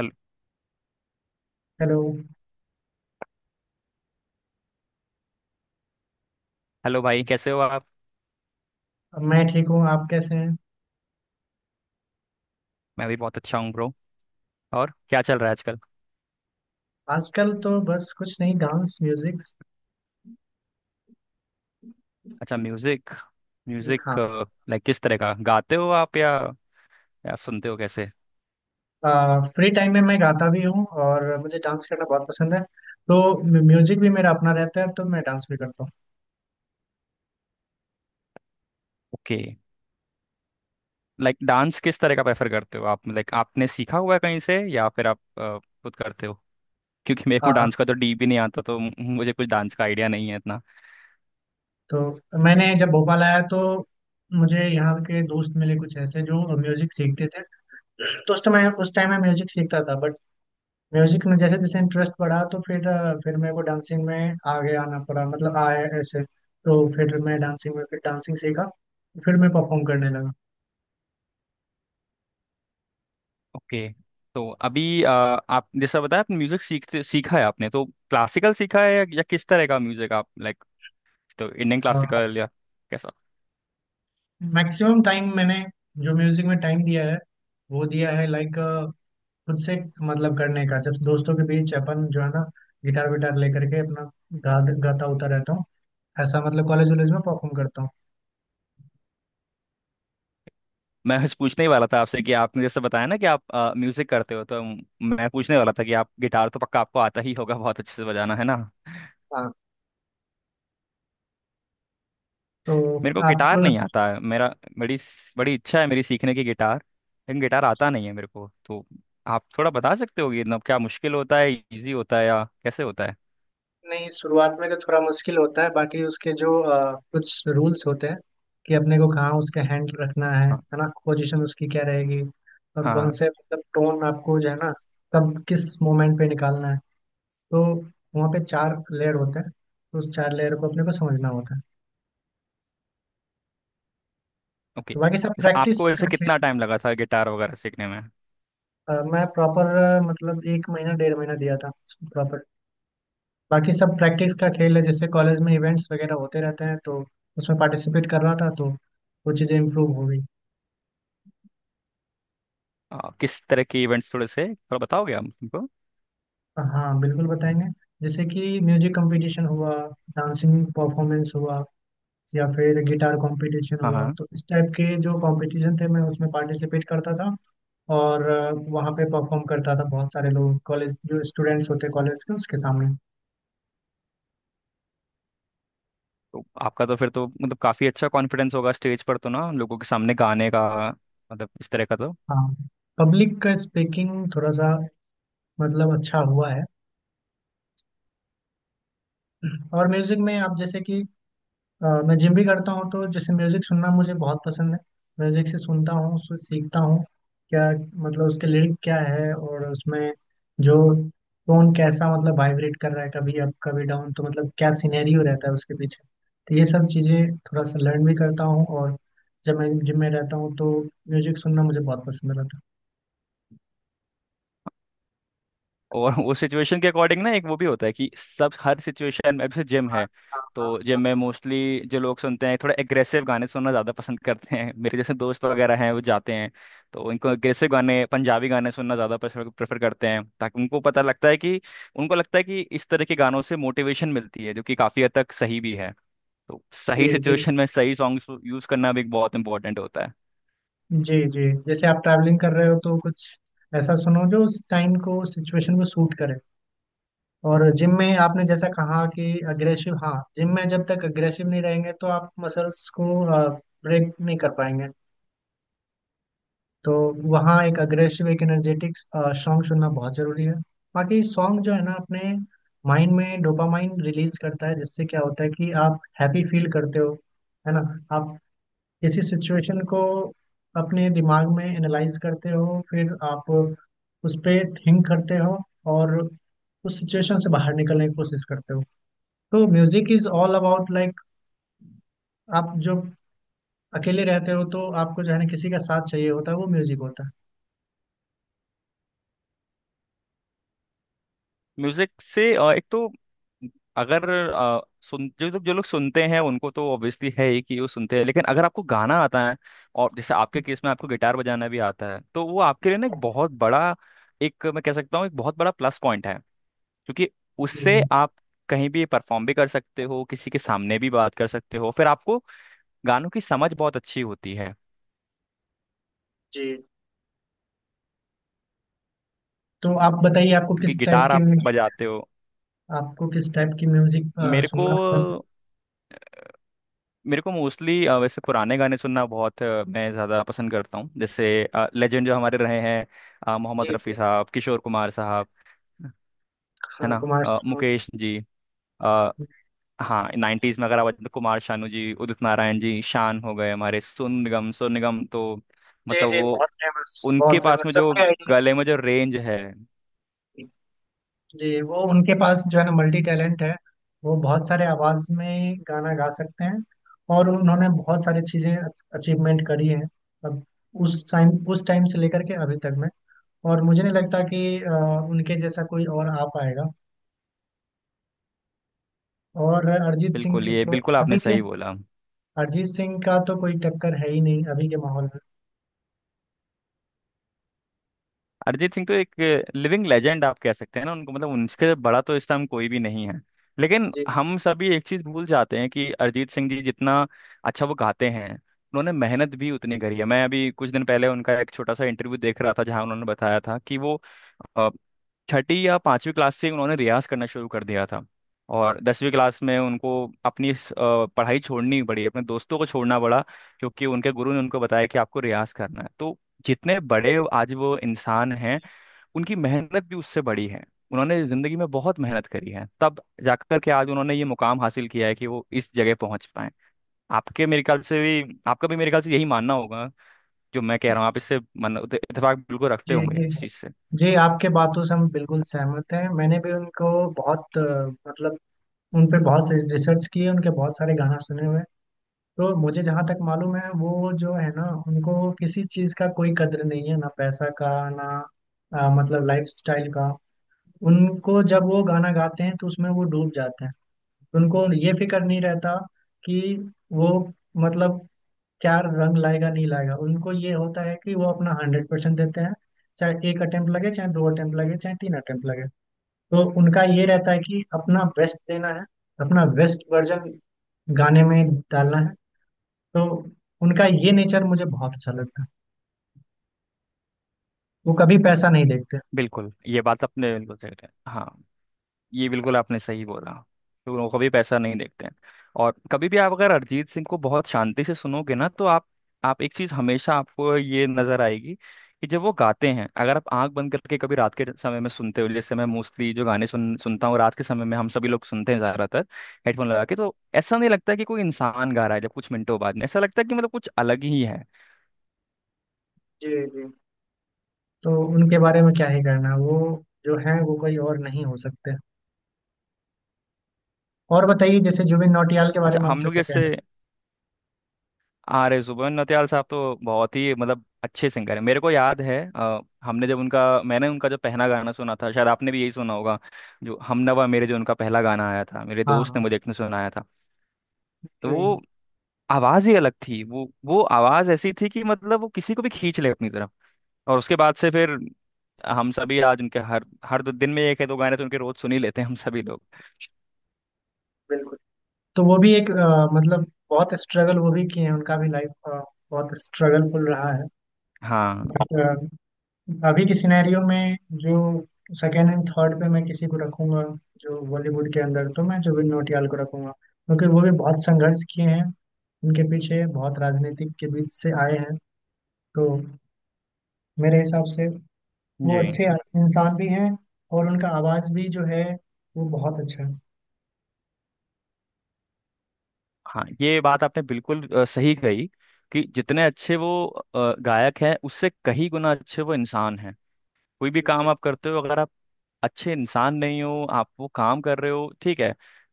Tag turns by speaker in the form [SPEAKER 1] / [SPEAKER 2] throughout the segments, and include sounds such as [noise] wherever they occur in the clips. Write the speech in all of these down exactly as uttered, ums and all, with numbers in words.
[SPEAKER 1] Hello-
[SPEAKER 2] hello.
[SPEAKER 1] Hello भाई, कैसे हो आप।
[SPEAKER 2] मैं ठीक हूँ। आप कैसे हैं?
[SPEAKER 1] मैं भी बहुत अच्छा हूँ ब्रो। और क्या चल रहा है आजकल।
[SPEAKER 2] आजकल तो बस कुछ नहीं, डांस म्यूजिक।
[SPEAKER 1] अच्छा म्यूजिक। म्यूजिक।
[SPEAKER 2] हाँ।
[SPEAKER 1] लाइक किस तरह का गाते हो आप, या या सुनते हो कैसे।
[SPEAKER 2] फ्री टाइम में मैं गाता भी हूँ और मुझे डांस करना बहुत पसंद है, तो म्यूजिक भी मेरा अपना रहता है, तो मैं डांस भी करता हूँ।
[SPEAKER 1] ओके। लाइक डांस किस तरह का प्रेफर करते हो आप, लाइक आपने सीखा हुआ है कहीं से या फिर आप अ, खुद करते हो। क्योंकि मेरे
[SPEAKER 2] आ,
[SPEAKER 1] को डांस का तो डी भी नहीं आता, तो मु- मुझे कुछ डांस का आइडिया नहीं है इतना।
[SPEAKER 2] तो मैंने जब भोपाल आया, तो मुझे यहाँ के दोस्त मिले कुछ ऐसे जो म्यूजिक सीखते थे। तो उस टाइम उस टाइम मैं म्यूजिक सीखता था। म्यूजिक में जैसे जैसे इंटरेस्ट बढ़ा, तो फिर अ, फिर मेरे को डांसिंग में आगे आना पड़ा, मतलब आया ऐसे, तो फिर मैं डांसिंग में फिर डांसिंग सीखा। फिर मैं परफॉर्म करने लगा।
[SPEAKER 1] ओके। तो अभी अ, आप जैसा बताया, आप म्यूजिक सीखते सीखा है आपने तो। क्लासिकल सीखा है या, या किस तरह का म्यूजिक आप लाइक, तो इंडियन
[SPEAKER 2] और
[SPEAKER 1] क्लासिकल या कैसा?
[SPEAKER 2] मैक्सिमम टाइम मैंने जो म्यूजिक में टाइम दिया है, वो दिया है लाइक खुद से। मतलब करने का जब दोस्तों के बीच अपन जो है ना, गिटार विटार लेकर के अपना गा गाता उता रहता हूँ, ऐसा मतलब कॉलेज वॉलेज में परफॉर्म करता हूँ।
[SPEAKER 1] मैं बस पूछने ही वाला था आपसे कि आपने जैसे बताया ना कि आप म्यूजिक करते हो, तो मैं पूछने वाला था कि आप गिटार तो पक्का आपको आता ही होगा बहुत अच्छे से बजाना, है ना।
[SPEAKER 2] हाँ। तो
[SPEAKER 1] मेरे को
[SPEAKER 2] आपको।
[SPEAKER 1] गिटार नहीं आता है। मेरा बड़ी बड़ी इच्छा है मेरी सीखने की गिटार, लेकिन गिटार आता नहीं है मेरे को। तो आप थोड़ा बता सकते हो कि मतलब क्या मुश्किल होता है, इजी होता है, या कैसे होता है।
[SPEAKER 2] नहीं, शुरुआत में तो थोड़ा मुश्किल होता है, बाकी उसके जो अ, कुछ रूल्स होते हैं कि अपने को कहाँ उसके हैंड रखना है
[SPEAKER 1] हाँ,
[SPEAKER 2] है ना, पोजीशन उसकी क्या रहेगी। और कौन
[SPEAKER 1] हाँ।
[SPEAKER 2] से मतलब टोन आपको जो है ना कब किस मोमेंट पे निकालना है। तो वहाँ पे चार लेयर होते हैं, तो उस चार लेयर को अपने को समझना होता है।
[SPEAKER 1] ओके,
[SPEAKER 2] तो बाकी सब
[SPEAKER 1] जैसे आपको
[SPEAKER 2] प्रैक्टिस
[SPEAKER 1] वैसे
[SPEAKER 2] का खेल।
[SPEAKER 1] कितना टाइम लगा था गिटार वगैरह सीखने में।
[SPEAKER 2] अ, मैं प्रॉपर, मतलब एक महीना डेढ़ महीना दिया था, प्रॉपर। बाकी सब प्रैक्टिस का खेल है, जैसे कॉलेज में इवेंट्स वगैरह होते रहते हैं, तो उसमें पार्टिसिपेट कर रहा था, तो वो चीज़ें इम्प्रूव हो गई।
[SPEAKER 1] अ, किस तरह के इवेंट्स, थोड़े से थोड़ा बताओगे आप हमको।
[SPEAKER 2] हाँ बिल्कुल बताएंगे। जैसे कि म्यूजिक कंपटीशन हुआ, डांसिंग परफॉर्मेंस हुआ, या फिर गिटार कंपटीशन
[SPEAKER 1] हाँ
[SPEAKER 2] हुआ,
[SPEAKER 1] हाँ.
[SPEAKER 2] तो इस टाइप के जो कंपटीशन थे, मैं उसमें पार्टिसिपेट करता था। और अ, वहाँ पे परफॉर्म करता था, बहुत सारे लोग कॉलेज, जो स्टूडेंट्स होते कॉलेज के, उसके सामने।
[SPEAKER 1] तो आपका तो फिर तो मतलब काफी अच्छा कॉन्फिडेंस होगा स्टेज पर तो ना, लोगों के सामने गाने का, मतलब इस तरह का तो।
[SPEAKER 2] हाँ। पब्लिक का स्पीकिंग थोड़ा सा मतलब अच्छा हुआ है। और म्यूजिक में आप जैसे कि अ, मैं जिम भी करता हूँ, तो जैसे म्यूजिक सुनना मुझे बहुत पसंद है। म्यूजिक से सुनता हूँ, उससे सीखता हूँ क्या, मतलब उसके लिरिक क्या है, और उसमें जो टोन कैसा, मतलब वाइब्रेट कर रहा है, कभी अप कभी डाउन, तो मतलब क्या सिनेरियो रहता है उसके पीछे। तो ये सब चीज़ें थोड़ा सा लर्न भी करता हूँ, और जब मैं जिम में रहता हूँ, तो म्यूजिक सुनना मुझे बहुत पसंद रहता है।
[SPEAKER 1] और वो सिचुएशन के अकॉर्डिंग ना, एक वो भी होता है कि सब हर सिचुएशन में, अब जैसे जिम
[SPEAKER 2] हाँ,
[SPEAKER 1] है,
[SPEAKER 2] हाँ,
[SPEAKER 1] तो
[SPEAKER 2] हाँ, हाँ।
[SPEAKER 1] जिम में मोस्टली जो लोग सुनते हैं थोड़ा एग्रेसिव गाने सुनना ज़्यादा पसंद करते हैं, मेरे जैसे दोस्त वगैरह हैं वो जाते हैं, तो उनको एग्रेसिव गाने, पंजाबी गाने सुनना ज़्यादा प्रेफर प्रेफर करते हैं, ताकि उनको पता लगता है कि उनको लगता है कि इस तरह के गानों से मोटिवेशन मिलती है, जो कि काफ़ी हद तक सही भी है। तो सही
[SPEAKER 2] जी, जी,
[SPEAKER 1] सिचुएशन में सही सॉन्ग्स यूज करना भी एक बहुत इंपॉर्टेंट होता है।
[SPEAKER 2] जी, जी। जैसे आप ट्रैवलिंग कर रहे हो, तो कुछ ऐसा सुनो जो उस टाइम को, सिचुएशन को सूट करे। और जिम में आपने जैसा कहा कि अग्रेसिव, हाँ, जिम में जब तक अग्रेसिव नहीं रहेंगे, तो आप मसल्स को ब्रेक नहीं कर पाएंगे। तो वहाँ एक अग्रेसिव, एक एनर्जेटिक सॉन्ग सुनना बहुत जरूरी है। बाकी सॉन्ग जो है ना, अपने माइंड में डोपामाइन रिलीज करता है, जिससे क्या होता है कि आप हैप्पी फील करते हो, है ना। आप किसी सिचुएशन को अपने दिमाग में एनालाइज करते हो, फिर आप उस पर थिंक करते हो, और उस सिचुएशन से बाहर निकलने की कोशिश करते हो। तो music is all about like, आप जो अकेले रहते हो, तो आपको जो है ना किसी का साथ चाहिए होता है, वो म्यूजिक होता है।
[SPEAKER 1] म्यूजिक से अ, एक तो अगर अ, सुन जो लोग जो लोग सुनते हैं उनको तो ऑब्वियसली है ही कि वो सुनते हैं, लेकिन अगर आपको गाना आता है, और जैसे आपके केस में आपको गिटार बजाना भी आता है, तो वो आपके लिए ना एक बहुत बड़ा एक मैं कह सकता हूँ एक बहुत बड़ा प्लस पॉइंट है। क्योंकि
[SPEAKER 2] जी,
[SPEAKER 1] उससे
[SPEAKER 2] जी,
[SPEAKER 1] आप कहीं भी परफॉर्म भी कर सकते हो, किसी के सामने भी बात कर सकते हो, फिर आपको गानों की समझ बहुत अच्छी होती है,
[SPEAKER 2] जी। तो आप बताइए, आपको
[SPEAKER 1] क्योंकि
[SPEAKER 2] किस टाइप
[SPEAKER 1] गिटार
[SPEAKER 2] की
[SPEAKER 1] आप बजाते हो।
[SPEAKER 2] आपको किस टाइप की म्यूजिक अ,
[SPEAKER 1] मेरे को
[SPEAKER 2] सुनना पसंद
[SPEAKER 1] मेरे को मोस्टली वैसे पुराने गाने सुनना बहुत अ, मैं ज़्यादा पसंद करता हूँ, जैसे लेजेंड जो हमारे रहे हैं, अ,
[SPEAKER 2] है?
[SPEAKER 1] मोहम्मद
[SPEAKER 2] जी,
[SPEAKER 1] रफ़ी
[SPEAKER 2] जी।
[SPEAKER 1] साहब, किशोर कुमार साहब, है
[SPEAKER 2] हाँ,
[SPEAKER 1] ना,
[SPEAKER 2] कुमार
[SPEAKER 1] अ,
[SPEAKER 2] सानू।
[SPEAKER 1] मुकेश जी, आ, हाँ, नाइन्टीज़ में अगर आप, कुमार शानू जी, उदित नारायण जी, शान हो गए हमारे, सोनू निगम, सोनू निगम, तो
[SPEAKER 2] जी,
[SPEAKER 1] मतलब
[SPEAKER 2] जी,
[SPEAKER 1] वो,
[SPEAKER 2] बहुत फेमस,
[SPEAKER 1] उनके
[SPEAKER 2] बहुत
[SPEAKER 1] पास
[SPEAKER 2] फेमस,
[SPEAKER 1] में जो
[SPEAKER 2] सबके आइडिया।
[SPEAKER 1] गले में जो रेंज है।
[SPEAKER 2] जी, वो उनके पास जो है ना, मल्टी टैलेंट है। वो बहुत सारे आवाज में गाना गा सकते हैं, और उन्होंने बहुत सारी चीजें अचीवमेंट करी है अब। उस टाइम उस टाइम से लेकर के अभी तक में, और मुझे नहीं लगता कि अ, उनके जैसा कोई और आ पाएगा। और अरिजीत सिंह
[SPEAKER 1] बिल्कुल,
[SPEAKER 2] की
[SPEAKER 1] ये
[SPEAKER 2] तो,
[SPEAKER 1] बिल्कुल आपने
[SPEAKER 2] अभी के
[SPEAKER 1] सही बोला।
[SPEAKER 2] अरिजीत सिंह का तो कोई टक्कर है ही नहीं अभी के माहौल में।
[SPEAKER 1] अरिजीत सिंह तो एक लिविंग लेजेंड आप कह सकते हैं ना उनको, मतलब उनसे बड़ा तो इस टाइम कोई भी नहीं है। लेकिन
[SPEAKER 2] जी,
[SPEAKER 1] हम सभी एक चीज भूल जाते हैं कि अरिजीत सिंह जी जितना अच्छा वो गाते हैं, उन्होंने मेहनत भी उतनी करी है। मैं अभी कुछ दिन पहले उनका एक छोटा सा इंटरव्यू देख रहा था, जहां उन्होंने बताया था कि वो अ, छठी या पांचवी क्लास से उन्होंने रियाज करना शुरू कर दिया था, और दसवीं क्लास में उनको अपनी इस, अ, पढ़ाई छोड़नी पड़ी, अपने दोस्तों को छोड़ना पड़ा, क्योंकि उनके गुरु ने उनको बताया कि आपको रियाज करना है। तो जितने बड़े आज वो इंसान हैं, उनकी मेहनत भी उससे बड़ी है। उन्होंने जिंदगी में बहुत मेहनत करी है, तब जाकर के आज उन्होंने ये मुकाम हासिल किया है कि वो इस जगह पहुंच पाए। आपके मेरे ख्याल से भी, आपका भी मेरे ख्याल से यही मानना होगा, जो मैं कह रहा हूँ, आप इससे मन इतफाक बिल्कुल रखते
[SPEAKER 2] जी,
[SPEAKER 1] होंगे
[SPEAKER 2] जी,
[SPEAKER 1] इस चीज से।
[SPEAKER 2] जी। आपके बातों से हम बिल्कुल सहमत हैं। मैंने भी उनको बहुत अ, मतलब उन पे बहुत से रिसर्च किए, उनके बहुत सारे गाना सुने हुए हैं। तो मुझे जहाँ तक मालूम है, वो जो है ना, उनको किसी चीज़ का कोई कद्र नहीं है, ना पैसा का, ना अ, मतलब लाइफ स्टाइल का। उनको जब वो गाना गाते हैं, तो उसमें वो डूब जाते हैं। उनको ये फिक्र नहीं रहता कि वो मतलब क्या रंग लाएगा, नहीं लाएगा। उनको ये होता है कि वो अपना हंड्रेड परसेंट देते हैं। चाहे एक अटेम्प्ट लगे, चाहे दो अटेम्प्ट लगे, चाहे तीन अटेम्प्ट लगे, तो उनका ये रहता है कि अपना बेस्ट देना है, अपना बेस्ट वर्जन गाने में डालना है। तो उनका ये नेचर मुझे बहुत अच्छा लगता है। वो कभी पैसा नहीं देखते।
[SPEAKER 1] बिल्कुल, ये बात अपने बिल्कुल सही है। हाँ, ये बिल्कुल आपने सही बोला। तो लोग कभी पैसा नहीं देखते हैं। और कभी भी आप अगर अरिजीत सिंह को बहुत शांति से सुनोगे ना, तो आप आप एक चीज हमेशा आपको ये नजर आएगी कि जब वो गाते हैं, अगर आप आंख बंद करके कभी रात के समय में सुनते हो, जैसे मैं मोस्टली जो गाने सुन सुनता हूँ रात के समय में, हम सभी लोग सुनते हैं ज्यादातर हेडफोन लगा के, तो ऐसा नहीं लगता कि कोई इंसान गा रहा है, जब कुछ मिनटों बाद में ऐसा लगता है कि मतलब कुछ अलग ही है।
[SPEAKER 2] जी, जी। तो उनके बारे में क्या ही करना, वो जो है, वो कोई और नहीं हो सकते। और बताइए, जैसे जुबिन नौटियाल के बारे
[SPEAKER 1] अच्छा,
[SPEAKER 2] में
[SPEAKER 1] हम
[SPEAKER 2] आपका
[SPEAKER 1] लोग
[SPEAKER 2] क्या
[SPEAKER 1] जैसे,
[SPEAKER 2] कहना है?
[SPEAKER 1] आर, जुबेन नौटियाल साहब तो बहुत ही मतलब अच्छे सिंगर है मेरे को याद है, अ, हमने जब उनका मैंने उनका जो पहला गाना सुना था, शायद आपने भी यही सुना होगा, जो हमनवा मेरे, जो उनका पहला गाना आया था, मेरे दोस्त ने
[SPEAKER 2] हाँ
[SPEAKER 1] मुझे एक ने सुनाया था।
[SPEAKER 2] जी,
[SPEAKER 1] तो वो आवाज ही अलग थी, वो वो आवाज ऐसी थी कि मतलब वो किसी को भी खींच ले अपनी तरफ। और उसके बाद से फिर हम सभी आज उनके हर हर दो दिन में एक है दो गाने तो उनके रोज सुन ही लेते हैं हम सभी लोग।
[SPEAKER 2] बिल्कुल। तो वो भी एक अ, मतलब बहुत स्ट्रगल वो भी किए हैं, उनका भी लाइफ बहुत स्ट्रगलफुल रहा है।
[SPEAKER 1] हाँ
[SPEAKER 2] बट अ, अभी की सिनेरियो में जो सेकेंड एंड थर्ड पे मैं किसी को रखूंगा, जो बॉलीवुड के अंदर, तो मैं जुबिन नौटियाल को रखूंगा, क्योंकि वो भी बहुत संघर्ष किए हैं, उनके पीछे बहुत राजनीतिक के बीच से आए हैं। तो मेरे हिसाब से वो
[SPEAKER 1] जी।
[SPEAKER 2] अच्छे इंसान भी हैं, और उनका आवाज भी जो है वो बहुत अच्छा है।
[SPEAKER 1] हाँ, ये बात आपने बिल्कुल अ, सही कही। कि जितने अच्छे वो अ, गायक हैं, उससे कहीं गुना अच्छे वो इंसान हैं। कोई भी
[SPEAKER 2] जी,
[SPEAKER 1] काम आप करते हो, अगर आप अच्छे इंसान नहीं हो, आप वो काम कर रहे हो ठीक है,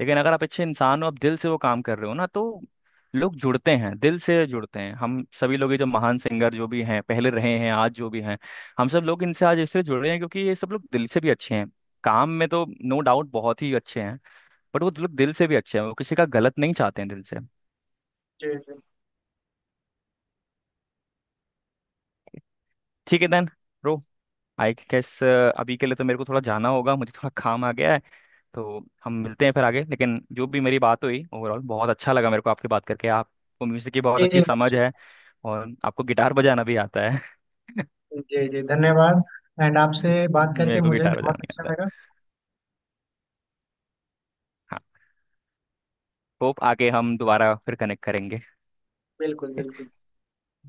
[SPEAKER 1] लेकिन अगर आप अच्छे इंसान हो, आप दिल से वो काम कर रहे हो ना, तो लोग जुड़ते हैं, दिल से जुड़ते हैं। हम सभी लोग ये जो महान सिंगर जो भी हैं, पहले रहे हैं, आज जो भी हैं, हम सब लोग इनसे आज इसलिए जुड़ रहे हैं क्योंकि ये सब लोग दिल से भी अच्छे हैं। काम में तो नो डाउट बहुत ही अच्छे हैं, बट वो लोग दिल से भी अच्छे हैं, वो किसी का गलत नहीं चाहते हैं दिल से।
[SPEAKER 2] जी, जी,
[SPEAKER 1] ठीक है देन ब्रो, आई गेस अभी के लिए तो मेरे को थोड़ा जाना होगा, मुझे थोड़ा काम आ गया है, तो हम मिलते हैं फिर आगे। लेकिन जो भी मेरी बात हुई ओवरऑल, बहुत अच्छा लगा मेरे को आपकी बात करके, आपको म्यूजिक की बहुत
[SPEAKER 2] जी, जी,
[SPEAKER 1] अच्छी समझ है, और आपको गिटार बजाना भी आता है। [laughs]
[SPEAKER 2] जी, जी, धन्यवाद। एंड आपसे बात करके
[SPEAKER 1] मेरे को
[SPEAKER 2] मुझे
[SPEAKER 1] गिटार
[SPEAKER 2] भी
[SPEAKER 1] बजाना
[SPEAKER 2] बहुत
[SPEAKER 1] नहीं
[SPEAKER 2] अच्छा
[SPEAKER 1] आता
[SPEAKER 2] लगा।
[SPEAKER 1] है। हाँ, होप आगे हम दोबारा फिर कनेक्ट करेंगे।
[SPEAKER 2] बिल्कुल, बिल्कुल।